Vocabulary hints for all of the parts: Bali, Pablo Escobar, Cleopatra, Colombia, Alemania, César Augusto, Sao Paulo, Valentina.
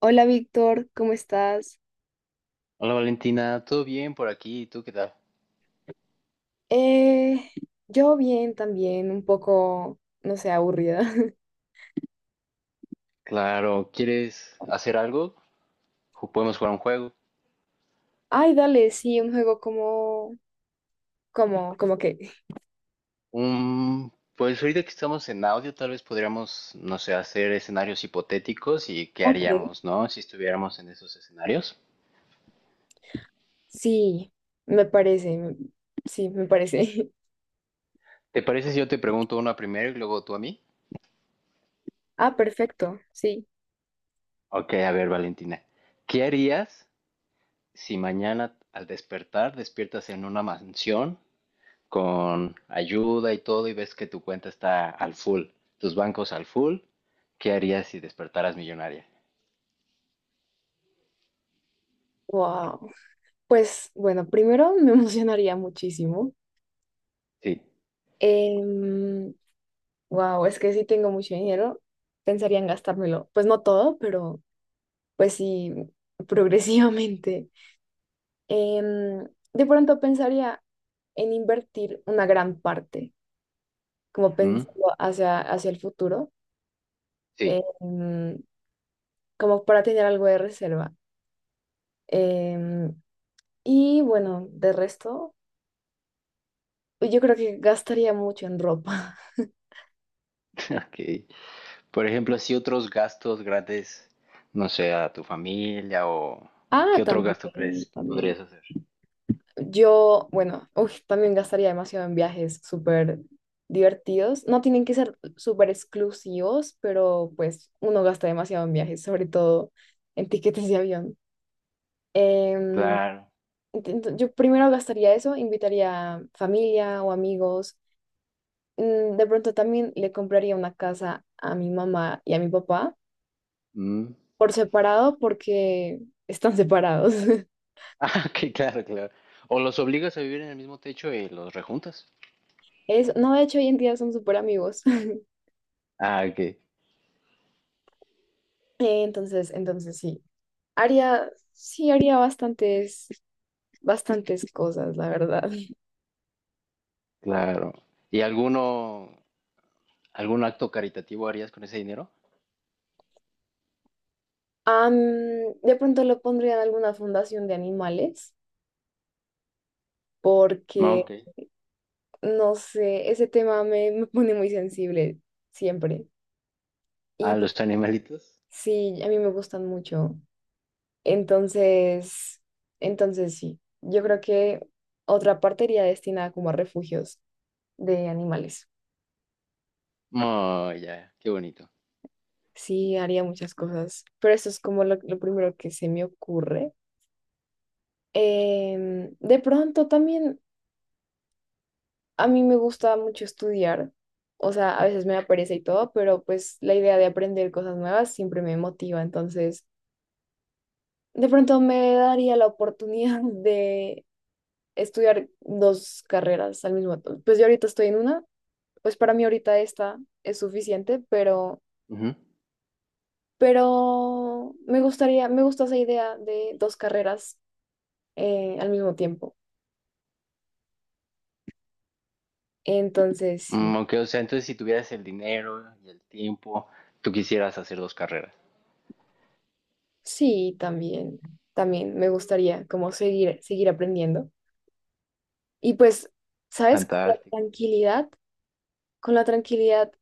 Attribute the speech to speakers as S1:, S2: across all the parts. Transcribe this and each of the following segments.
S1: Hola Víctor, ¿cómo estás?
S2: Hola Valentina, ¿todo bien por aquí? ¿Y tú qué tal?
S1: Eh, yo bien también, un poco, no sé, aburrida.
S2: Claro, ¿quieres hacer algo? Podemos jugar un juego.
S1: Ay, dale, sí, un juego como que.
S2: Pues ahorita que estamos en audio, tal vez podríamos, no sé, hacer escenarios hipotéticos y qué
S1: Ok.
S2: haríamos, ¿no? Si estuviéramos en esos escenarios.
S1: Sí, me parece, me- sí, me parece.
S2: ¿Te parece si yo te pregunto una primero y luego tú a mí?
S1: Ah, perfecto, sí.
S2: Ok, a ver, Valentina, ¿qué harías si mañana al despertar despiertas en una mansión con ayuda y todo y ves que tu cuenta está al full, tus bancos al full, ¿qué harías si despertaras millonaria?
S1: Wow. Pues bueno, primero me emocionaría muchísimo.
S2: Sí.
S1: Wow, es que sí tengo mucho dinero, pensaría en gastármelo. Pues no todo, pero pues sí, progresivamente. em, de pronto pensaría en invertir una gran parte, como
S2: ¿Mm?
S1: pensando hacia el futuro,
S2: Sí.
S1: em, como para tener algo de reserva. Em, y bueno, de resto, pues yo creo que gastaría mucho en ropa.
S2: Ok. Por ejemplo, así otros gastos grandes, no sé, a tu familia o
S1: Ah,
S2: ¿qué otro gasto
S1: también,
S2: crees que
S1: también.
S2: podrías hacer?
S1: Yo, bueno, uy, también gastaría demasiado en viajes súper divertidos. No tienen que ser súper exclusivos, pero pues uno gasta demasiado en viajes, sobre todo en tiquetes de avión. Em,
S2: Claro.
S1: yo primero gastaría eso, invitaría familia o amigos. De pronto también le compraría una casa a mi mamá y a mi papá
S2: ¿Mm?
S1: por separado porque están separados.
S2: Ah, ok, claro, claro. O los obligas a vivir en el mismo techo y los rejuntas.
S1: No, de hecho, hoy en día son súper amigos.
S2: Ah, ok,
S1: Entonces sí. Haría, sí, haría bastantes cosas, la verdad.
S2: claro. ¿Y alguno, algún acto caritativo harías con ese dinero?
S1: Am, de pronto lo pondría en alguna fundación de animales
S2: No,
S1: porque
S2: ok.
S1: no sé, ese tema me pone muy sensible siempre. Y
S2: A
S1: pues,
S2: los animalitos.
S1: sí, a mí me gustan mucho. Entonces, entonces sí, yo creo que otra parte iría destinada como a refugios de animales.
S2: Oh, ya, qué bonito.
S1: Sí, haría muchas cosas, pero eso es como lo primero que se me ocurre. De pronto también a mí me gusta mucho estudiar. O sea, a veces me da pereza y todo, pero pues la idea de aprender cosas nuevas siempre me motiva. Entonces, de pronto me daría la oportunidad de estudiar dos carreras al mismo tiempo. Pues yo ahorita estoy en una, pues para mí ahorita esta es suficiente, pero,
S2: Ujú.
S1: pero me gustaría, me gusta esa idea de dos carreras al mismo tiempo. Entonces, sí,
S2: Mm, aunque, o sea, entonces si tuvieras el dinero y el tiempo, tú quisieras hacer dos carreras.
S1: sí, también, también me gustaría como seguir aprendiendo. Y pues, ¿sabes? Con la
S2: Fantástico.
S1: tranquilidad, con la tranquilidad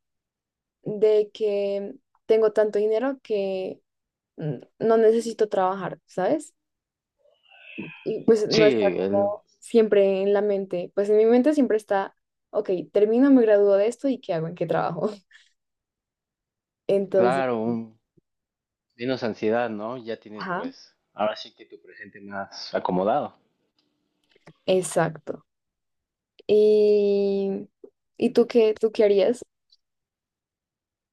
S1: de que tengo tanto dinero que no necesito trabajar, ¿sabes? Y pues
S2: Sí,
S1: no está
S2: el-
S1: como siempre en la mente, pues en mi mente siempre está, ok, termino, me gradúo de esto y ¿qué hago? ¿En qué trabajo? Entonces,
S2: claro, un, menos ansiedad, ¿no? Ya tienes,
S1: ajá,
S2: pues, ahora sí que tu presente más acomodado.
S1: exacto. Y, ¿y tú qué harías?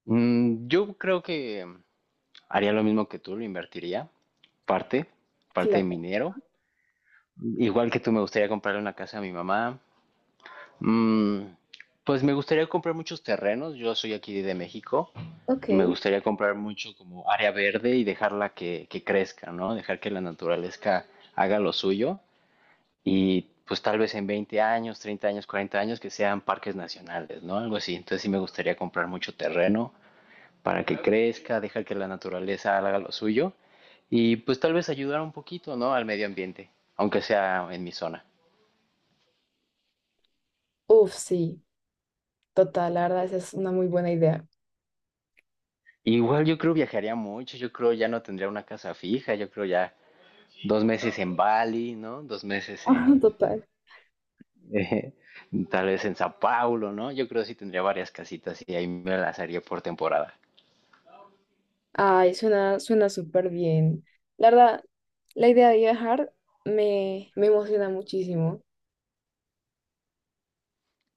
S2: Mm, yo creo que haría lo mismo que tú, lo invertiría, parte, parte de mi
S1: Claro,
S2: dinero. Igual que tú, me gustaría comprarle una casa a mi mamá. Mm, pues me gustaría comprar muchos terrenos. Yo soy aquí de México y me
S1: ok.
S2: gustaría comprar mucho como área verde y dejarla que crezca, ¿no? Dejar que la naturaleza haga lo suyo y pues tal vez en 20 años, 30 años, 40 años que sean parques nacionales, ¿no? Algo así. Entonces sí me gustaría comprar mucho terreno para que crezca, dejar que la naturaleza haga lo suyo y pues tal vez ayudar un poquito, ¿no? Al medio ambiente, aunque sea en mi zona.
S1: Uf, sí, total, la verdad, esa es una muy buena idea.
S2: Igual yo creo viajaría mucho, yo creo ya no tendría una casa fija, yo creo ya dos meses en Bali, ¿no? Dos meses
S1: Ah,
S2: en,
S1: total.
S2: eh, tal vez en Sao Paulo, ¿no? Yo creo sí tendría varias casitas y ahí me las haría por temporada.
S1: Ay, suena súper bien. La verdad, la idea de viajar me emociona muchísimo,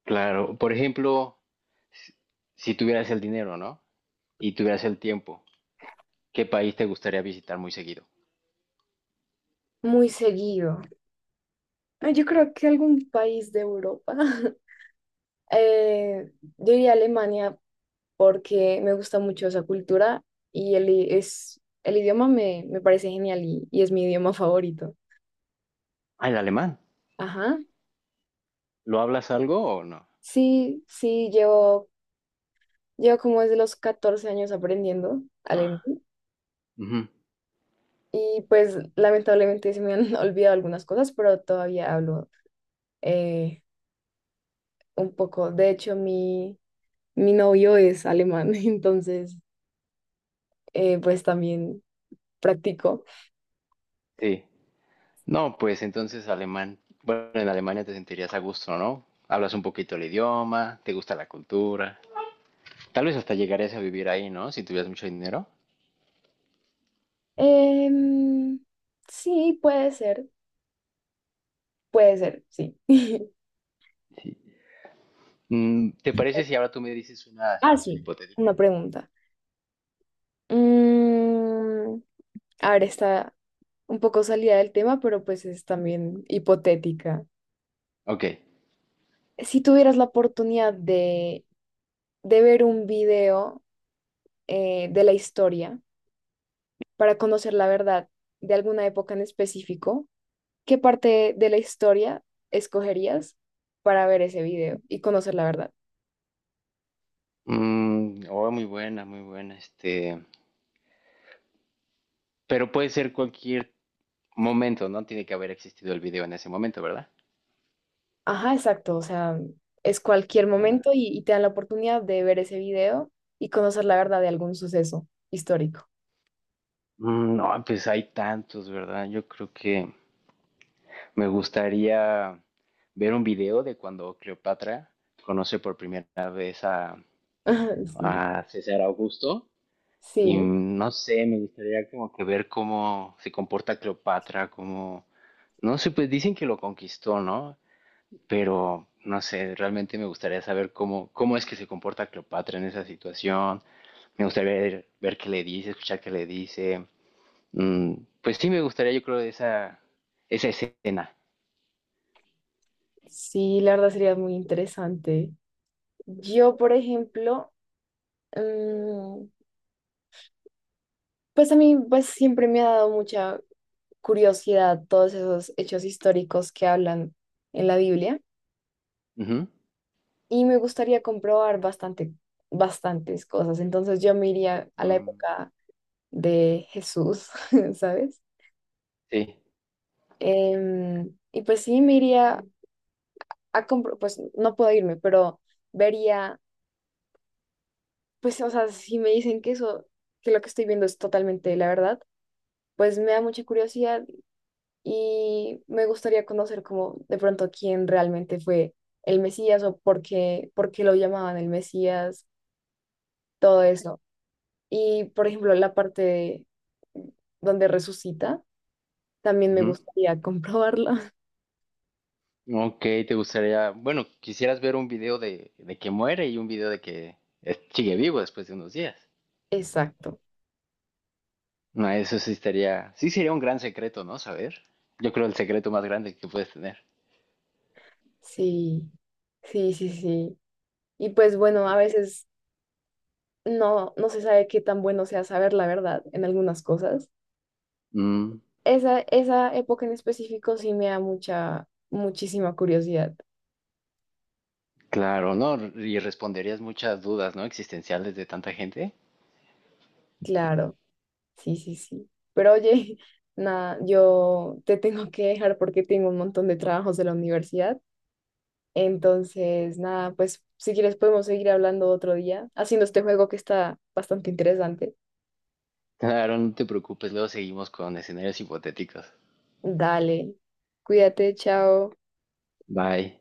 S2: Claro, por ejemplo, si si tuvieras el dinero, ¿no? Y tuvieras el tiempo, ¿qué país te gustaría visitar muy seguido?
S1: muy seguido. Ah, yo creo que algún país de Europa. Eh, yo iría a Alemania porque me gusta mucho esa cultura y el idioma me parece genial y es mi idioma favorito.
S2: Ah, el alemán.
S1: Ajá.
S2: ¿Lo hablas algo o no?
S1: Sí, sí, llevo como desde los 14 años aprendiendo alemán
S2: Ujú,
S1: y pues lamentablemente se me han olvidado algunas cosas, pero todavía hablo eh, un poco. De hecho, mi novio es alemán, entonces pues también practico.
S2: sí. No, pues entonces alemán, bueno, en Alemania te sentirías a gusto, ¿no? Hablas un poquito el idioma, te gusta la cultura. Tal vez hasta llegarías a vivir ahí, ¿no? Si tuvieras mucho dinero.
S1: Em, sí, puede ser, sí.
S2: Sí. Mm, ¿te parece si ahora tú me dices una
S1: Ah,
S2: situación
S1: sí, una
S2: hipotética?
S1: pregunta. Mm, a ver, está un poco salida del tema, pero pues es también hipotética.
S2: Ok.
S1: Si tuvieras la oportunidad de ver un video de la historia para conocer la verdad de alguna época en específico, ¿qué parte de la historia escogerías para ver ese video y conocer la verdad?
S2: Mm, oh, muy buena, muy buena. Este, pero puede ser cualquier momento, ¿no? Tiene que haber existido el video en ese momento, ¿verdad?
S1: Ajá, exacto, o sea, es cualquier
S2: Ah.
S1: momento y te dan la oportunidad de ver ese video y conocer la verdad de algún suceso histórico.
S2: Mm, no, pues hay tantos, ¿verdad? Yo creo que me gustaría ver un video de cuando Cleopatra conoce por primera vez
S1: Sí,
S2: a César Augusto. Y
S1: sí,
S2: no sé, me gustaría como que ver cómo se comporta Cleopatra, cómo... No sé, pues dicen que lo conquistó, ¿no? Pero no sé, realmente me gustaría saber cómo, cómo es que se comporta Cleopatra en esa situación. Me gustaría ver, ver qué le dice, escuchar qué le dice. Mm, pues sí, me gustaría, yo creo, esa escena.
S1: sí, la verdad sería muy interesante. Yo, por ejemplo, mm, pues a mí pues siempre me ha dado mucha curiosidad todos esos hechos históricos que hablan en la Biblia
S2: Ujú.
S1: y me gustaría comprobar bastante, bastantes cosas. Entonces yo me iría a la
S2: Mm.
S1: época de Jesús, ¿sabes?
S2: Sí.
S1: Y pues sí, me iría a comprar, pues no puedo irme, pero vería, pues, o sea, si me dicen que eso, que lo que estoy viendo es totalmente la verdad, pues me da mucha curiosidad y me gustaría conocer como de pronto quién realmente fue el Mesías o por qué lo llamaban el Mesías, todo eso. Y, por ejemplo, donde resucita, también me
S2: Ujú.
S1: gustaría comprobarla.
S2: Ok, te gustaría, bueno, quisieras ver un video de que muere y un video de que sigue vivo después de unos días.
S1: Exacto.
S2: No, eso sí estaría, sí sería un gran secreto, ¿no? Saber. Yo creo el secreto más grande que puedes tener.
S1: Sí, sí, sí, sí. Y pues bueno, a veces no, no se sabe qué tan bueno sea saber la verdad en algunas cosas.
S2: Mm,
S1: Esa época en específico sí me da mucha, muchísima curiosidad.
S2: claro, ¿no? Y responderías muchas dudas, ¿no? Existenciales de tanta gente.
S1: Claro, sí, sí, sí. Pero oye, nada, yo te tengo que dejar porque tengo un montón de trabajos de la universidad. Entonces, nada, pues si quieres podemos seguir hablando otro día, haciendo este juego que está bastante interesante.
S2: Claro, no te preocupes, luego seguimos con escenarios hipotéticos.
S1: Dale, cuídate, chao.
S2: Bye.